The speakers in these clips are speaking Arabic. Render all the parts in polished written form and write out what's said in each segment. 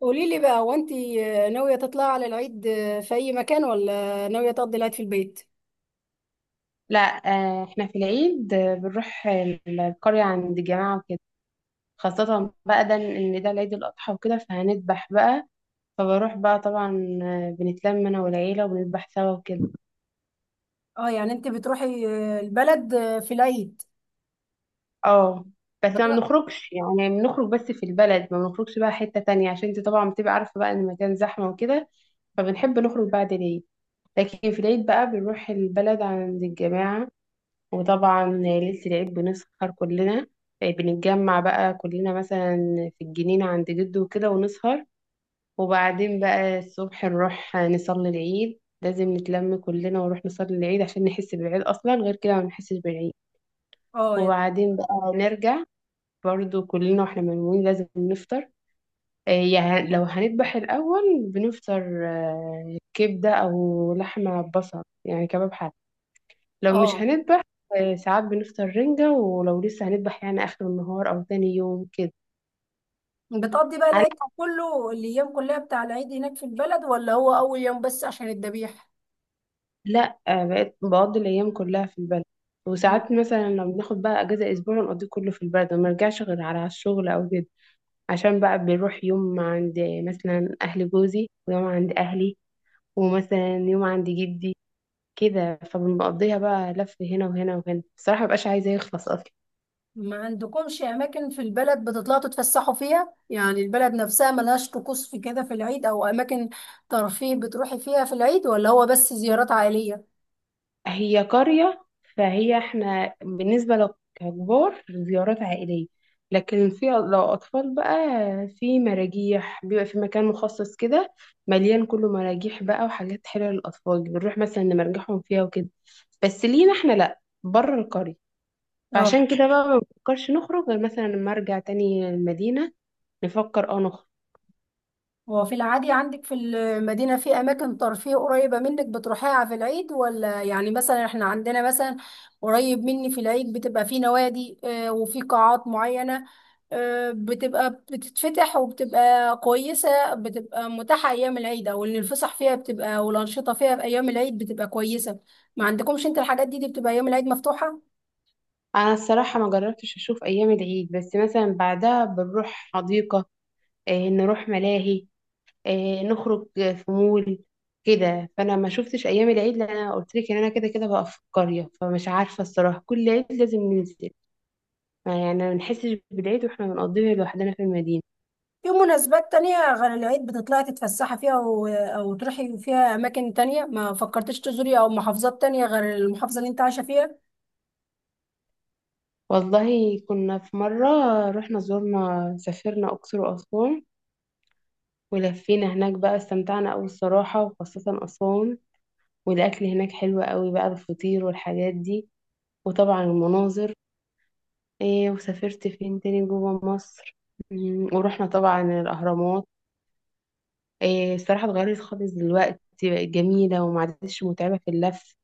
قولي لي بقى، هو انت ناوية تطلعي على العيد في أي مكان، ولا ناوية تقضي العيد في البيت؟ لا، آه، احنا في العيد بنروح القرية عند الجماعة وكده. خاصة بقى ده ان ده العيد الأضحى وكده فهنذبح بقى. فبروح بقى طبعا، بنتلم انا والعيلة وبنذبح سوا وكده. اه، يعني انت بتروحي البلد في العيد اه، بس ما بت... بنخرجش يعني بنخرج بس في البلد، ما بنخرجش بقى حتة تانية عشان انت طبعا بتبقى عارفة بقى ان المكان زحمة وكده. فبنحب نخرج بعد العيد. لكن في العيد بقى بنروح البلد عند الجماعة. وطبعا ليلة العيد بنسهر كلنا، بنتجمع بقى كلنا مثلا في الجنينة عند جده وكده ونسهر. وبعدين بقى الصبح نروح نصلي العيد، لازم نتلم كلنا ونروح نصلي العيد عشان نحس بالعيد، أصلا غير كده ما بنحسش بالعيد. اه، وبعدين بقى نرجع برضو كلنا، واحنا مجموعين لازم نفطر، يعني لو هنذبح الأول بنفطر كبدة أو لحمة بصل يعني كباب حلال. لو مش اه، هنذبح، ساعات بنفطر رنجة، ولو لسه هنذبح يعني آخر النهار أو تاني يوم كده. بتقضي بقى على العيد كله الايام كلها بتاع العيد هناك في البلد، ولا هو اول يوم بس عشان الذبيح؟ لا، بقيت بقضي الأيام كلها في البلد. مم. وساعات مثلا لو بناخد بقى أجازة أسبوع نقضيه كله في البلد، وما نرجعش غير على الشغل أو كده. عشان بقى بنروح يوم عند مثلا أهل جوزي، ويوم عند أهلي، ومثلا يوم عند جدي كده، فبنقضيها بقى لف هنا وهنا وهنا، بصراحة مبقاش عايزة يخلص أصلا. ما عندكمش اماكن في البلد بتطلعوا تتفسحوا فيها؟ يعني البلد نفسها ملهاش طقوس في كده في العيد او اماكن ترفيه بتروحي فيها في العيد، ولا هو بس زيارات عائلية؟ هي قرية، فهي احنا بالنسبة لو ككبار زيارات عائلية. لكن في لو أطفال بقى، في مراجيح، بيبقى في مكان مخصص كده مليان كله مراجيح بقى وحاجات حلوة للأطفال، بنروح مثلا نمرجحهم فيها وكده. بس لينا احنا لأ بره القرية. اه، فعشان كده بقى ما بنفكرش نخرج غير مثلا لما أرجع تاني المدينة نفكر نخرج. هو في العادي عندك في المدينة في أماكن ترفيه قريبة منك بتروحيها في العيد، ولا يعني مثلا احنا عندنا مثلا قريب مني في العيد بتبقى في نوادي وفي قاعات معينة بتبقى بتتفتح وبتبقى كويسة، بتبقى متاحة أيام العيد، أو إن الفسح فيها بتبقى والأنشطة فيها في أيام العيد بتبقى كويسة؟ ما عندكمش أنت الحاجات دي بتبقى أيام العيد مفتوحة؟ أنا الصراحة ما جربتش أشوف أيام العيد، بس مثلا بعدها بنروح حديقة، اه، نروح ملاهي، نخرج في مول كده. فانا ما شفتش ايام العيد لان انا قلت لك ان انا كده كده بقى في القريه، فمش عارفه الصراحه كل عيد لازم ننزل. ما يعني ما بنحسش بالعيد واحنا بنقضيه لوحدنا في المدينه. في مناسبات تانية غير العيد بتطلعي تتفسحي فيها أو تروحي فيها أماكن تانية؟ ما فكرتش تزوري أو محافظات تانية غير المحافظة اللي أنت عايشة فيها؟ والله كنا في مره، رحنا زرنا سافرنا اقصر واسوان. ولفينا هناك بقى، استمتعنا قوي الصراحه وخاصه اسوان. والاكل هناك حلو قوي بقى، الفطير والحاجات دي، وطبعا المناظر. إيه وسافرت فين تاني جوه مصر؟ ورحنا طبعا الاهرامات. إيه الصراحة اتغيرت خالص دلوقتي، بقت جميلة وما عادتش متعبة في اللف.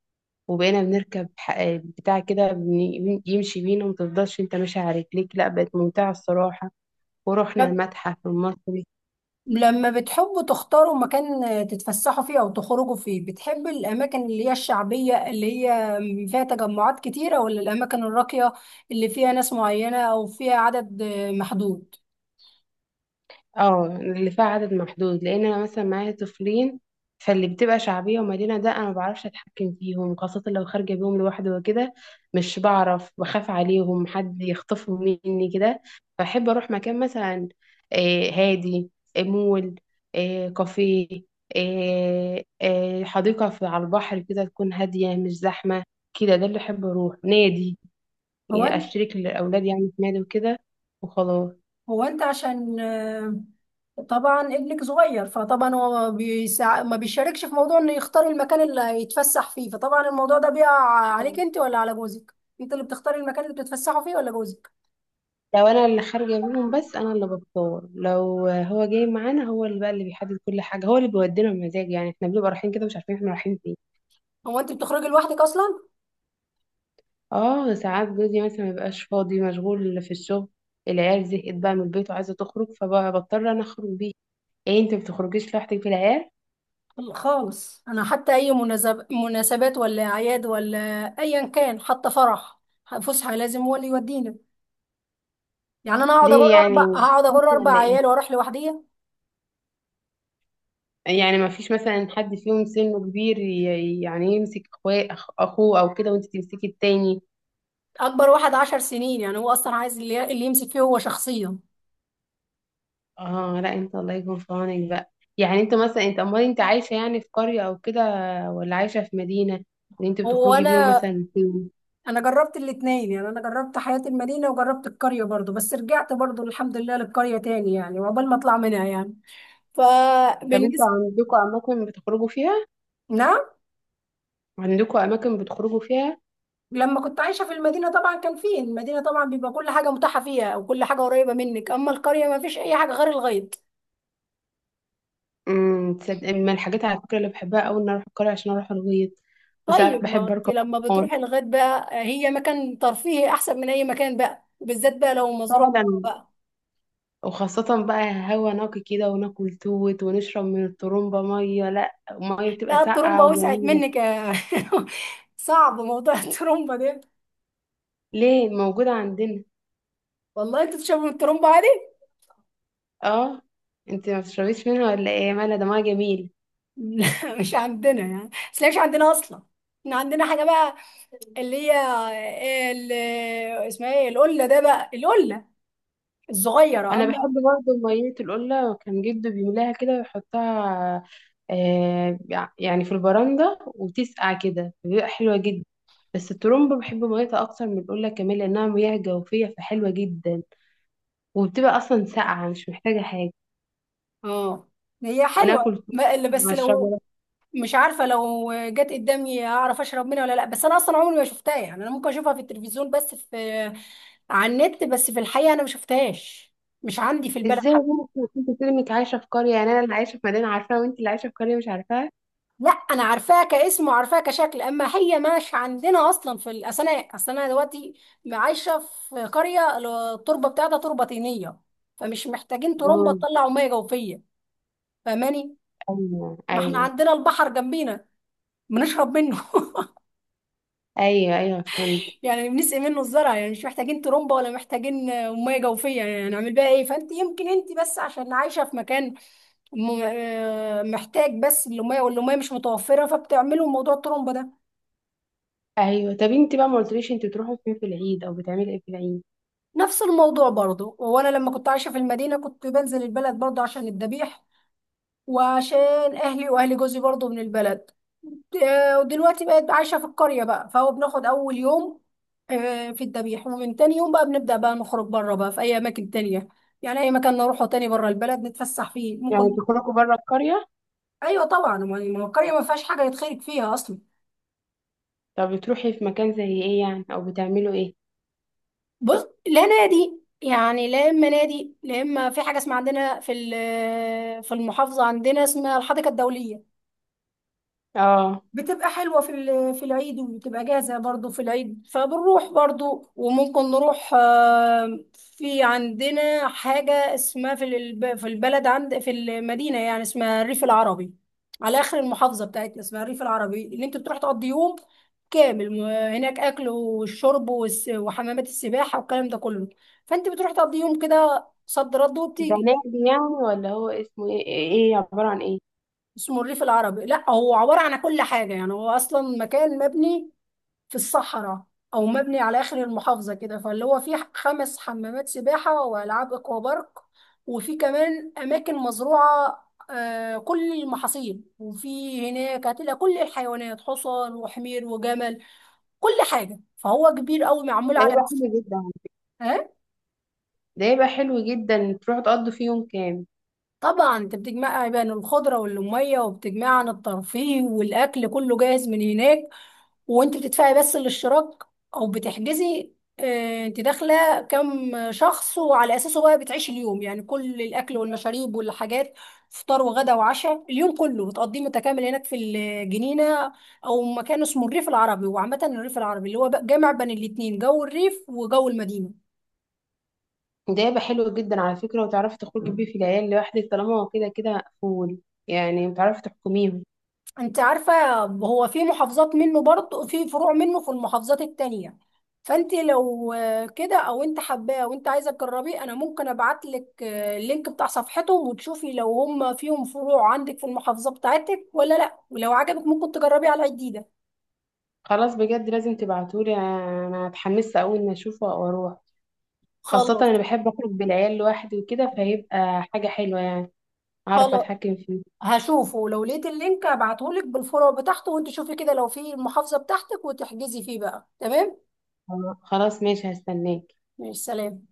وبقينا بنركب بتاع كده يمشي بينا ومتفضلش انت ماشي على رجليك. لا، بقت ممتعة الصراحة. ورحنا لب- المتحف المصري. لما بتحبوا تختاروا مكان تتفسحوا فيه أو تخرجوا فيه، بتحب الأماكن اللي هي الشعبية اللي هي فيها تجمعات كتيرة، ولا الأماكن الراقية اللي فيها ناس معينة أو فيها عدد محدود؟ اه، اللي فيها عدد محدود لان انا مثلا معايا طفلين. فاللي بتبقى شعبيه ومدينه ده انا ما بعرفش اتحكم فيهم، خاصه لو خارجه بيهم لوحدي وكده. مش بعرف، بخاف عليهم حد يخطفهم مني كده. فاحب اروح مكان مثلا هادي، مول، كافيه، حديقه في على البحر كده تكون هاديه مش زحمه كده. ده اللي احب، اروح نادي يعني، هو اشترك لاولادي يعني في نادي وكده وخلاص. هو انت عشان طبعا ابنك صغير، فطبعا هو ما بيشاركش في موضوع انه يختار المكان اللي هيتفسح فيه، فطبعا الموضوع ده بيقع عليك انت ولا على جوزك؟ انت اللي بتختاري المكان اللي بتتفسحوا فيه ولا جوزك؟ لو انا اللي خارجه بيهم. بس انا اللي بتصور لو هو جاي معانا، هو اللي بقى اللي بيحدد كل حاجه، هو اللي بيودينا بمزاج. يعني احنا بنبقى رايحين كده مش عارفين احنا رايحين فين. هو انت بتخرجي لوحدك اصلا؟ اه، ساعات جوزي مثلا ما بيبقاش فاضي، مشغول في الشغل. العيال زهقت بقى من البيت وعايزه تخرج، فبضطر انا اخرج بيه. ايه، انت ما بتخرجيش لوحدك بالعيال؟ لا خالص، انا حتى اي مناسبات ولا اعياد ولا ايا كان، حتى فرح فسحه لازم هو اللي يودينا. يعني انا ليه يعني؟ هقعد اجر اربع ولا ايه؟ عيال واروح لوحدي؟ يعني ما فيش مثلا حد فيهم سنه كبير يعني يمسك اخوه اخوه او كده وانت تمسكي التاني؟ اكبر واحد 10 سنين، يعني هو اصلا عايز اللي يمسك فيه هو شخصيا. اه، لا، انت الله يكون في عونك بقى. يعني انت امال انت عايشه يعني في قريه او كده، ولا عايشه في مدينه؟ اللي انت هو بتخرجي بيهم انا مثلا فين؟ انا جربت الاتنين، يعني انا جربت حياة المدينة وجربت القرية برضو، بس رجعت برضو الحمد لله للقرية تاني يعني، وعقبال ما اطلع منها يعني، طب انتوا فبالنسبة. عندكم اماكن بتخرجوا فيها؟ نعم. عندكم اماكن بتخرجوا فيها؟ لما كنت عايشة في المدينة طبعا كان فيه، المدينة طبعا بيبقى كل حاجة متاحة فيها وكل حاجة قريبة منك، أما القرية ما فيش أي حاجة غير الغيط. تصدق من الحاجات على فكره اللي بحبها قوي ان اروح القريه عشان اروح الغيط. وساعات طيب، ما بحب أنت اركب لما قمر بتروحي الغيط بقى، هي مكان ترفيهي أحسن من أي مكان بقى، وبالذات بقى لو مزروع فعلا. بقى. وخاصه بقى هوا نقي كده، وناكل توت ونشرب من الطرمبه ميه، لا، ميه بتبقى لا، الترمبة ساقعه وسعت وجميله. منك يا. صعب موضوع الترمبة ده. ليه؟ موجوده عندنا. والله أنت تشربي من الترمبة عادي؟ اه، انت ما بتشربيش منها ولا ايه؟ يا مالها، دمها جميل. لا مش عندنا يعني، بس هي مش عندنا اصلا، احنا عندنا حاجه بقى، اللي هي ال- اسمها ايه، القله ده بقى، القله الصغيره انا اما. بحب برضه ميه القله، كان جده بيملاها كده ويحطها آه يعني في البرندة وتسقع كده بيبقى حلوة جدا. بس الترمبة بحب ميتها اكتر من القله كمان، لانها مياه جوفيه فحلوه جدا، وبتبقى اصلا ساقعه مش محتاجه حاجه. اه، هي حلوه. وناكل فول اللي بس مع لو الشجره. مش عارفه لو جت قدامي اعرف اشرب منها ولا لا، بس انا اصلا عمري ما شفتها، يعني انا ممكن اشوفها في التلفزيون بس، في على النت، بس في الحقيقه انا ما شفتهاش، مش عندي في البلد. ازاي ممكن انت تلمك عايشه في قريه؟ يعني انا اللي عايشه في مدينه عارفاها، وانت اللي عايشه في قريه مش عارفاها. لا، انا عارفاه كاسم وعارفاه كشكل، اما هي مش عندنا اصلا في اصل انا دلوقتي عايشه في قريه، التربه بتاعتها تربه طينيه، فمش محتاجين ترمبه مم. تطلع ميه جوفيه. فاهماني؟ ايوه، ما احنا ايوه. عندنا البحر جنبينا بنشرب منه. ايوه، ايوه، فهمت. يعني بنسقي منه الزرع، يعني مش محتاجين ترمبه ولا محتاجين ميه جوفيه، يعني هنعمل بيها ايه؟ فانت يمكن انت بس عشان عايشه في مكان محتاج بس الميه، والميه مش متوفره فبتعملوا موضوع الترمبه ده. ايوه، طب انت بقى ما قلتليش، انت بتروحوا فين في العيد او بتعملي ايه في العيد؟ نفس الموضوع برضو، وانا لما كنت عايشه في المدينه كنت بنزل البلد برضو عشان الذبيح، وعشان اهلي واهل جوزي برضو من البلد. ودلوقتي بقيت عايشه في القريه بقى، فهو بناخد اول يوم في الذبيح، ومن تاني يوم بقى بنبدا بقى نخرج بره بقى في اي اماكن تانية، يعني اي مكان نروحه تاني بره البلد نتفسح فيه يعني ممكن. بتخرجوا بره القريه؟ ايوه طبعا، ما هو القريه ما فيهاش حاجه يتخرج فيها اصلا. طب بتروحي في مكان زي ايه يعني، او بتعملوا ايه؟ بص، لا نادي يعني لا، اما نادي لا، اما في حاجه اسمها عندنا في في المحافظه عندنا، اسمها الحديقه الدوليه. اه، بتبقى حلوة في في العيد، وبتبقى جاهزة برضو في العيد فبنروح برضو، وممكن نروح في عندنا حاجة اسمها في في البلد عند في المدينة يعني، اسمها الريف العربي. على آخر المحافظة بتاعتنا اسمها الريف العربي، اللي انت بتروح تقضي يوم كامل هناك، أكل والشرب وحمامات السباحة والكلام ده كله. فانت بتروح تقضي يوم كده صد رد ده وبتيجي. نادي يعني، ولا هو اسمه ايه إيه عباره عن ايه؟ اسمه الريف العربي، لا هو عبارة عن كل حاجة، يعني هو أصلا مكان مبني في الصحراء او مبني على اخر المحافظه كده، فاللي هو فيه خمس حمامات سباحه والعاب اكوا بارك، وفي كمان اماكن مزروعه كل المحاصيل، وفي هناك هتلاقي كل الحيوانات، حصان وحمير وجمل كل حاجه، فهو كبير قوي معمول ده على. يبقى حلو جدا. ها؟ ده يبقى حلو جدا تروحوا تقضوا فيه يوم كامل. طبعا، انت بتجمع بين الخضره والميه، وبتجمع عن الترفيه والاكل كله جاهز من هناك، وانت بتدفعي بس الاشتراك او بتحجزي. انت داخله كام شخص، وعلى اساسه بقى بتعيشي اليوم يعني، كل الاكل والمشاريب والحاجات، فطار وغدا وعشاء، اليوم كله بتقضيه متكامل هناك في الجنينه، او مكان اسمه الريف العربي، وعامه الريف العربي اللي هو بقى جامع بين الاتنين، جو الريف وجو المدينه. ده يبقى حلو جدا على فكره. وتعرفي تخرجي بيه في العيال لوحدك طالما هو كده كده مقفول. يعني بتعرفي تحكميهم؟ انت عارفة، هو في محافظات منه برضه، في فروع منه في المحافظات التانية، فانت لو كده او انت حباه وانت عايزة تجربيه، انا ممكن ابعت لك اللينك بتاع صفحتهم، وتشوفي لو هم فيهم فروع عندك في المحافظة بتاعتك ولا لا، ولو عجبك ممكن تجربيه على جديدة. خلاص بجد، لازم تبعتولي، انا اتحمست اول ما اشوفه واروح. خاصة خلاص. أنا بحب أخرج بالعيال لوحدي وكده، فهيبقى حاجة حلوة يعني، أعرف خلاص، أتحكم فيه. هشوفه لو لقيت اللينك ابعته لك بالفروع بتاعته، وانت شوفي كده لو في المحافظة بتاعتك وتحجزي فيه بقى، تمام. خلاص ماشي، هستناك. ماشي، سلام.